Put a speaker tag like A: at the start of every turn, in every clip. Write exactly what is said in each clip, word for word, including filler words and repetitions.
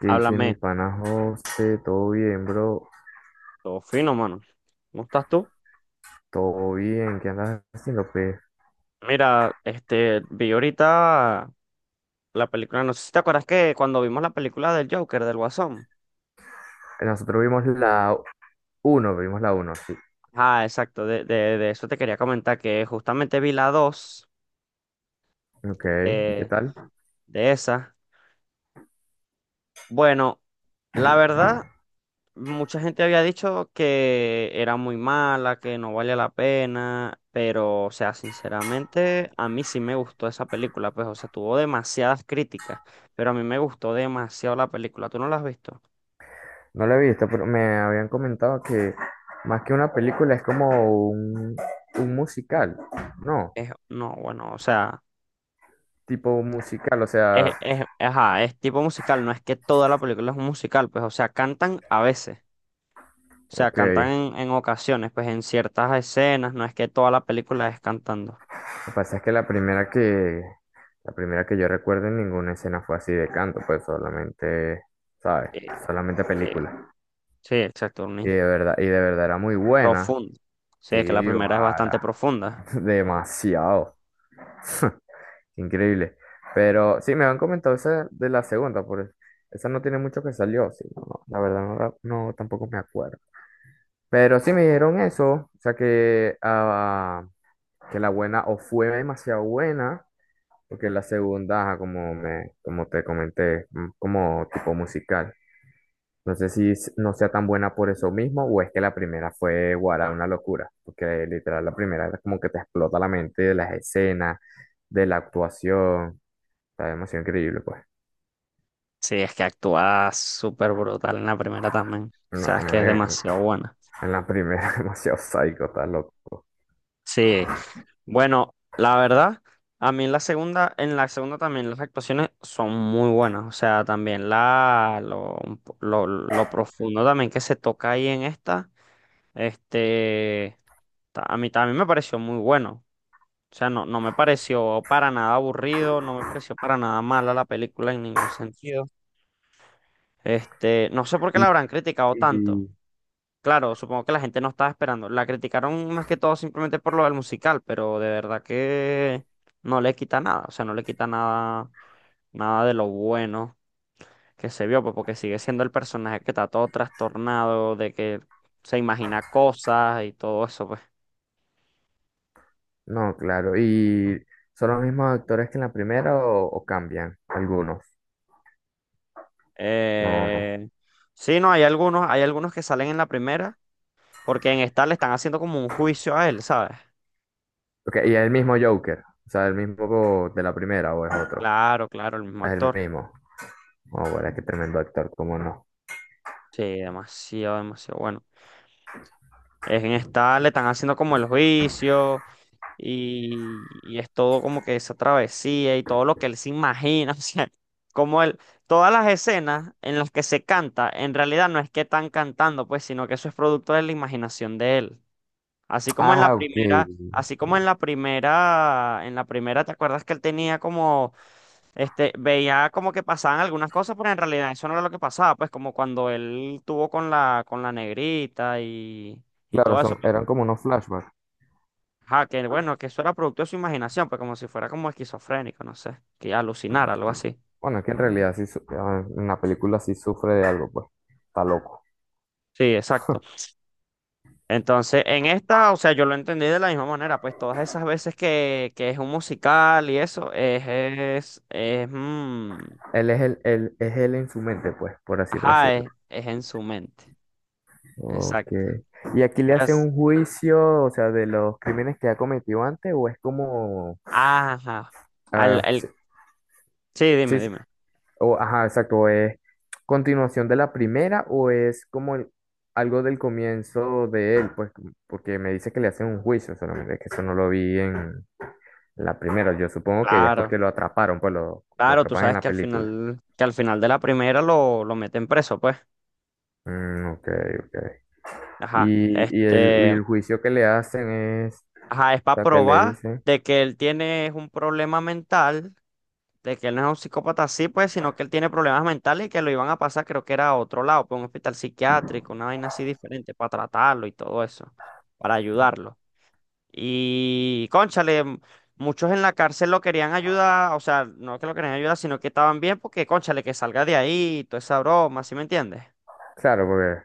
A: ¿Qué dice mi
B: Háblame,
A: pana José? ¿Todo bien, bro?
B: todo fino, mano. ¿Cómo estás tú?
A: ¿Todo bien? ¿Qué andas haciendo, pues?
B: Mira, este, vi ahorita la película, no sé si te acuerdas que cuando vimos la película del Joker, del Guasón.
A: eh, Nosotros vimos la uno, vimos la uno sí.
B: Ah, exacto, de, de, de eso te quería comentar, que justamente vi la dos
A: Ok, ¿y qué
B: de,
A: tal?
B: de esa. Bueno, la verdad, mucha gente había dicho que era muy mala, que no valía la pena, pero, o sea, sinceramente, a mí sí me gustó esa película, pues, o sea, tuvo demasiadas críticas, pero a mí me gustó demasiado la película. ¿Tú no la has visto?
A: No la he visto, pero me habían comentado que más que una película es como un, un musical, ¿no?
B: Es, no, bueno, o sea,
A: Tipo musical, o
B: es,
A: sea,
B: es, ajá, es tipo musical, no es que toda la película es un musical, pues, o sea, cantan a veces, o sea,
A: ok.
B: cantan
A: Lo
B: en, en ocasiones, pues, en ciertas escenas, no es que toda la película es cantando.
A: que pasa es que la primera que, la primera que yo recuerdo, en ninguna escena fue así de canto, pues solamente... ¿sabes?
B: Sí,
A: Solamente
B: sí,
A: película.
B: sí, exacto, una
A: Y de verdad, y de verdad era muy buena.
B: profunda. Sí, es que la
A: Sí,
B: primera es bastante
A: para.
B: profunda.
A: Demasiado. Increíble. Pero sí, me han comentado esa de la segunda, por eso. Esa no tiene mucho que salió, sí, no, no, la verdad no, la- no, tampoco me acuerdo. Pero sí me dijeron eso, o sea que, ah, que la buena o fue demasiado buena, porque la segunda, ajá, como, me, como te comenté, mm, como tipo musical. No sé si s- no sea tan buena por eso mismo, o es que la primera fue, guarda, una locura, porque literal la primera era como que te explota la mente, de las escenas, de la actuación, está demasiado increíble pues.
B: Sí, es que actúa súper brutal en la primera también. O
A: No,
B: sea, es que es demasiado
A: marica,
B: buena.
A: en la primera demasiado psycho, está loco.
B: Sí. Bueno, la verdad, a mí en la segunda, en la segunda también las actuaciones son muy buenas. O sea, también la, lo, lo, lo profundo también que se toca ahí en esta, este, ta- a mí también me pareció muy bueno. O sea, no, no me pareció para nada aburrido, no me pareció para nada mala la película en ningún sentido. Este, no sé por qué
A: Y,
B: la habrán criticado tanto.
A: y-
B: Claro, supongo que la gente no estaba esperando. La criticaron más que todo simplemente por lo del musical, pero de verdad que no le quita nada. O sea, no le quita nada, nada de lo bueno que se vio, pues, porque sigue siendo el personaje que está todo trastornado, de que se imagina cosas y todo eso, pues.
A: no, claro, y ¿son los mismos actores que en la primera, o, o cambian algunos? No, no.
B: Eh, sí, no, hay algunos, hay algunos que salen en la primera, porque en esta le están haciendo como un juicio a él, ¿sabes?
A: Ok, ¿y es el mismo Joker, o sea, el mismo de la primera o es otro,
B: Claro, claro, el mismo
A: es el
B: actor.
A: mismo? Oh, bueno, qué tremendo actor, cómo no.
B: Sí, demasiado, demasiado bueno. Es en esta, le están haciendo como el juicio y, y es todo como que esa travesía y todo lo que él se imagina. O sea, como él, todas las escenas en las que se canta, en realidad no es que están cantando, pues, sino que eso es producto de la imaginación de él. Así como en la
A: Ah, ok.
B: primera, así como en la primera, en la primera, ¿te acuerdas que él tenía como, este, veía como que pasaban algunas cosas, pero en realidad eso no era lo que pasaba, pues como cuando él tuvo con la, con la negrita y, y
A: Claro,
B: todo
A: son,
B: eso, pues.
A: eran como unos flashbacks.
B: Ajá, que bueno, que eso era producto de su imaginación, pues como si fuera como esquizofrénico, no sé, que alucinara, algo así.
A: Bueno, es que en realidad sí, su- ah, en la película sí sufre de algo, pues. Está loco.
B: Sí, exacto. Entonces, en esta, o sea, yo lo entendí de la misma manera, pues todas esas veces que, que es un musical y eso, es, es, es, mm,
A: Él es el, él, es él en su mente, pues, por así
B: Ajá,
A: decirlo.
B: es, es en su mente. Exacto.
A: Ok. ¿Y aquí le hacen
B: Es,
A: un juicio, o sea, de los crímenes que ha cometido antes, o es como,
B: ajá. Al,
A: ah,
B: el,
A: sí,
B: sí, dime,
A: sí, sí,
B: dime.
A: o, ajá, exacto, o es continuación de la primera, o es como el- algo del comienzo de él, pues, como- porque me dice que le hacen un juicio, solamente que eso no lo vi en la primera? Yo supongo que ya es
B: Claro,
A: porque lo atraparon, pues lo, lo
B: claro, tú
A: atrapan en
B: sabes
A: la
B: que al
A: película.
B: final, que al final de la primera lo, lo meten preso, pues.
A: Mm, ok, ok.
B: Ajá.
A: Y, y el, y
B: Este,
A: el juicio que le hacen es,
B: ajá, es
A: o
B: para
A: sea, que le
B: probar
A: dicen,
B: de que él tiene un problema mental, de que él no es un psicópata así, pues, sino que él tiene problemas mentales y que lo iban a pasar, creo que era a otro lado, pues un hospital psiquiátrico, una vaina así diferente, para tratarlo y todo eso, para ayudarlo. Y, cónchale, m- muchos en la cárcel lo querían ayudar, o sea, no que lo querían ayudar, sino que estaban bien porque, cónchale, que salga de ahí, toda esa broma, ¿sí me entiendes?
A: claro, porque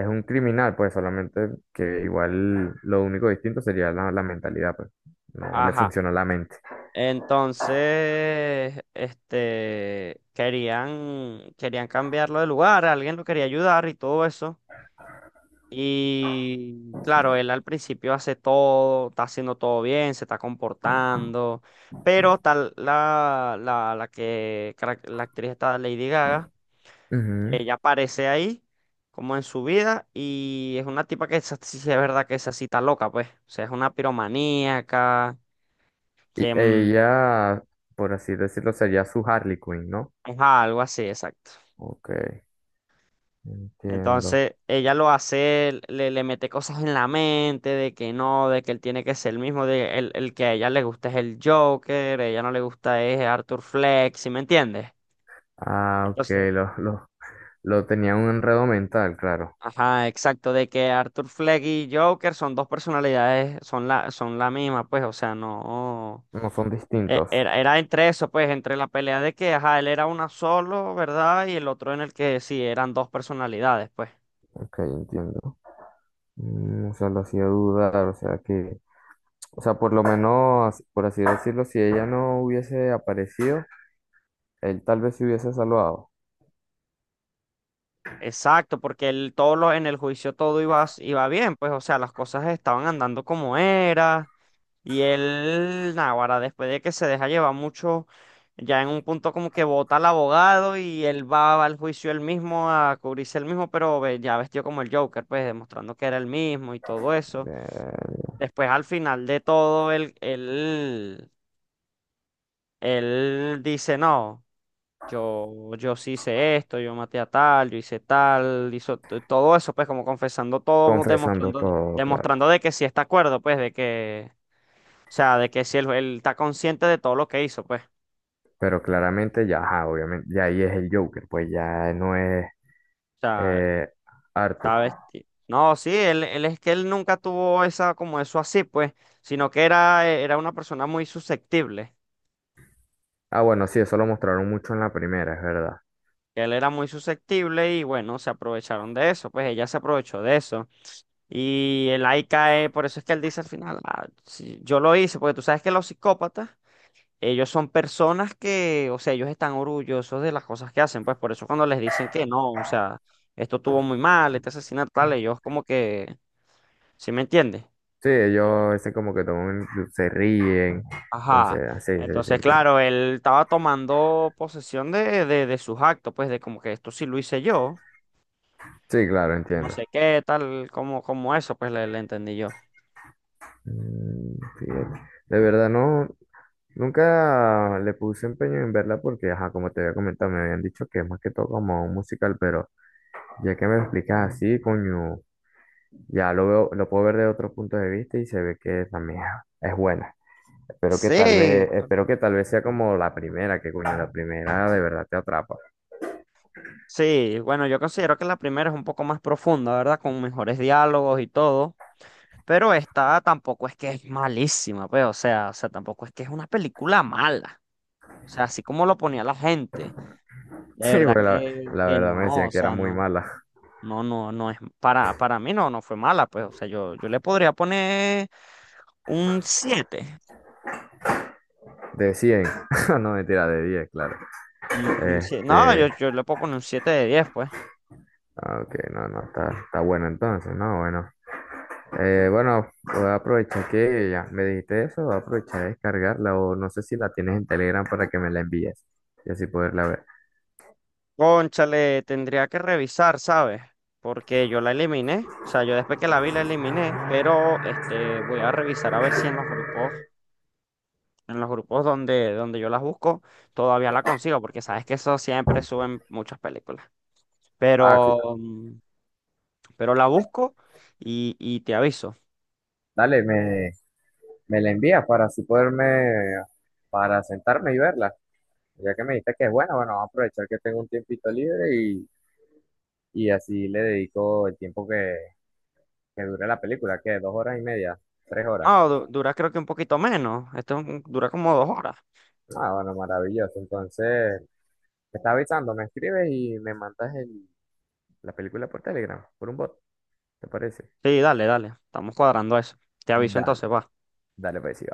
A: es un criminal, pues solamente que igual lo único distinto sería la, la mentalidad, pues no le
B: Ajá.
A: funciona la mente.
B: Entonces, este, querían, querían cambiarlo de lugar, alguien lo quería ayudar y todo eso. Y claro, él al principio hace todo, está haciendo todo bien, se está comportando, pero tal la, la, la que, carac- la actriz está Lady Gaga.
A: Ujú.
B: Ella aparece ahí, como en su vida, y es una tipa que esa sí es verdad que esa cita loca, pues. O sea, es una piromaníaca,
A: Y
B: que mm,
A: ella, por así decirlo, sería su Harley Quinn, ¿no?
B: es algo así, exacto.
A: Ok, entiendo.
B: Entonces, ella lo hace, le, le mete cosas en la mente de que no, de que él tiene que ser el mismo, de el, el que a ella le gusta es el Joker, a ella no le gusta es Arthur Fleck, ¿sí me entiendes?
A: Ah, ok,
B: Entonces,
A: lo, lo, lo tenía un enredo mental, claro.
B: ajá, exacto, de que Arthur Fleck y Joker son dos personalidades, son la, son la misma, pues, o sea, no.
A: No son
B: E-
A: distintos.
B: Era, era entre eso, pues, entre la pelea de que, ajá, él era una solo, ¿verdad? Y el otro en el que sí, eran dos personalidades, pues.
A: Ok, entiendo. Mm, o sea, lo hacía dudar, o sea que, o sea, por lo menos, por así decirlo, si ella no hubiese aparecido, él tal vez se hubiese salvado.
B: Exacto, porque él, todo lo, en el juicio todo iba, s- iba bien, pues, o sea, las cosas estaban andando como era. Y él, náguara, después de que se deja llevar mucho, ya en un punto como que vota al abogado y él va, al juicio él mismo a cubrirse él mismo, pero ve- ya vestido como el Joker, pues, demostrando que era el mismo y todo eso.
A: Eh,
B: Después, al final de todo, él, él él dice, no, yo, yo sí hice esto, yo maté a tal, yo hice tal, hizo t- todo eso, pues como confesando todo,
A: confesando
B: demostrando,
A: todo, claro.
B: demostrando de que sí está acuerdo, pues de que, o sea, de que sí él, él está consciente de todo lo que hizo, pues, o
A: Pero claramente ya, ajá, obviamente, ya ahí es el Joker, pues ya no es
B: sea,
A: eh, Arthur.
B: está vestido. No, sí, él, él es que él nunca tuvo esa, como eso así, pues, sino que era, e, era una persona muy susceptible,
A: Ah, bueno, sí, eso lo mostraron mucho en la primera, es verdad.
B: él era muy susceptible y bueno, se aprovecharon de eso, pues ella se aprovechó de eso. Y el ahí cae, por eso es que él dice al final, "Ah, sí, yo lo hice, porque tú sabes que los psicópatas, ellos son personas que, o sea, ellos están orgullosos de las cosas que hacen, pues por eso cuando les dicen que no, o sea, esto estuvo muy mal, este asesinato tal, ellos como que, ¿sí me entiendes?"
A: Sí, ellos ese como que toman, se ríen, entonces,
B: Ajá.
A: así se
B: Entonces,
A: siente. Sí,
B: claro, él estaba tomando posesión de, de, de sus actos, pues de como que esto sí lo hice yo,
A: sí, claro,
B: no
A: entiendo.
B: sé qué, tal, como, como eso, pues le, le entendí yo.
A: Mm, fíjate. De verdad, no, nunca le puse empeño en verla porque, ajá, como te había comentado, me habían dicho que es más que todo como un musical, pero ya que me lo explicas así, coño, ya lo veo, lo puedo ver de otro punto de vista y se ve que también es buena. Espero que tal
B: Sí,
A: vez, espero que tal vez sea como la primera, que coño, la primera de verdad te atrapa.
B: sí, bueno, yo considero que la primera es un poco más profunda, ¿verdad? Con mejores diálogos y todo. Pero esta tampoco es que es malísima, pues, o sea, o sea, tampoco es que es una película mala. O sea, así como lo ponía la gente, de
A: Sí,
B: verdad
A: porque la,
B: que,
A: la
B: que
A: verdad me
B: no,
A: decían
B: o
A: que era
B: sea,
A: muy
B: no,
A: mala.
B: no, no, no es, para, para mí no, no fue mala, pues, o sea, yo, yo le podría poner un siete.
A: De cien no mentira, de diez claro.
B: Un- un sie- No,
A: Este,
B: yo, yo le puedo poner un siete de diez, pues.
A: ah, ok, no, no, está, está bueno entonces, ¿no? Bueno, eh, bueno, voy a aprovechar que ya me dijiste eso, voy a aprovechar de descargarla, o no sé si la tienes en Telegram para que me la envíes y así poderla ver.
B: Cónchale, tendría que revisar, ¿sabes? Porque yo la eliminé, o sea, yo después que la vi la eliminé, pero este voy a revisar a ver si en los grupos, en los grupos donde, donde yo las busco, todavía la consigo, porque sabes que eso siempre suben muchas películas.
A: Ah, claro.
B: Pero, mm, pero la busco y, y te aviso.
A: Dale, me, me la envías para así poderme, para sentarme y verla. Ya que me dijiste que es buena, bueno, vamos a aprovechar que tengo un tiempito libre y, y así le dedico el tiempo que, que dure la película, que dos horas y media, tres horas.
B: No, du- dura creo que un poquito menos. Esto es un- dura como dos horas.
A: Ah, bueno, maravilloso. Entonces, te estaba avisando, me escribes y me mandas el- la película por Telegram, por un bot, ¿te parece?
B: Sí, dale, dale. Estamos cuadrando eso. Te aviso
A: Dale,
B: entonces, va.
A: dale, pues sí,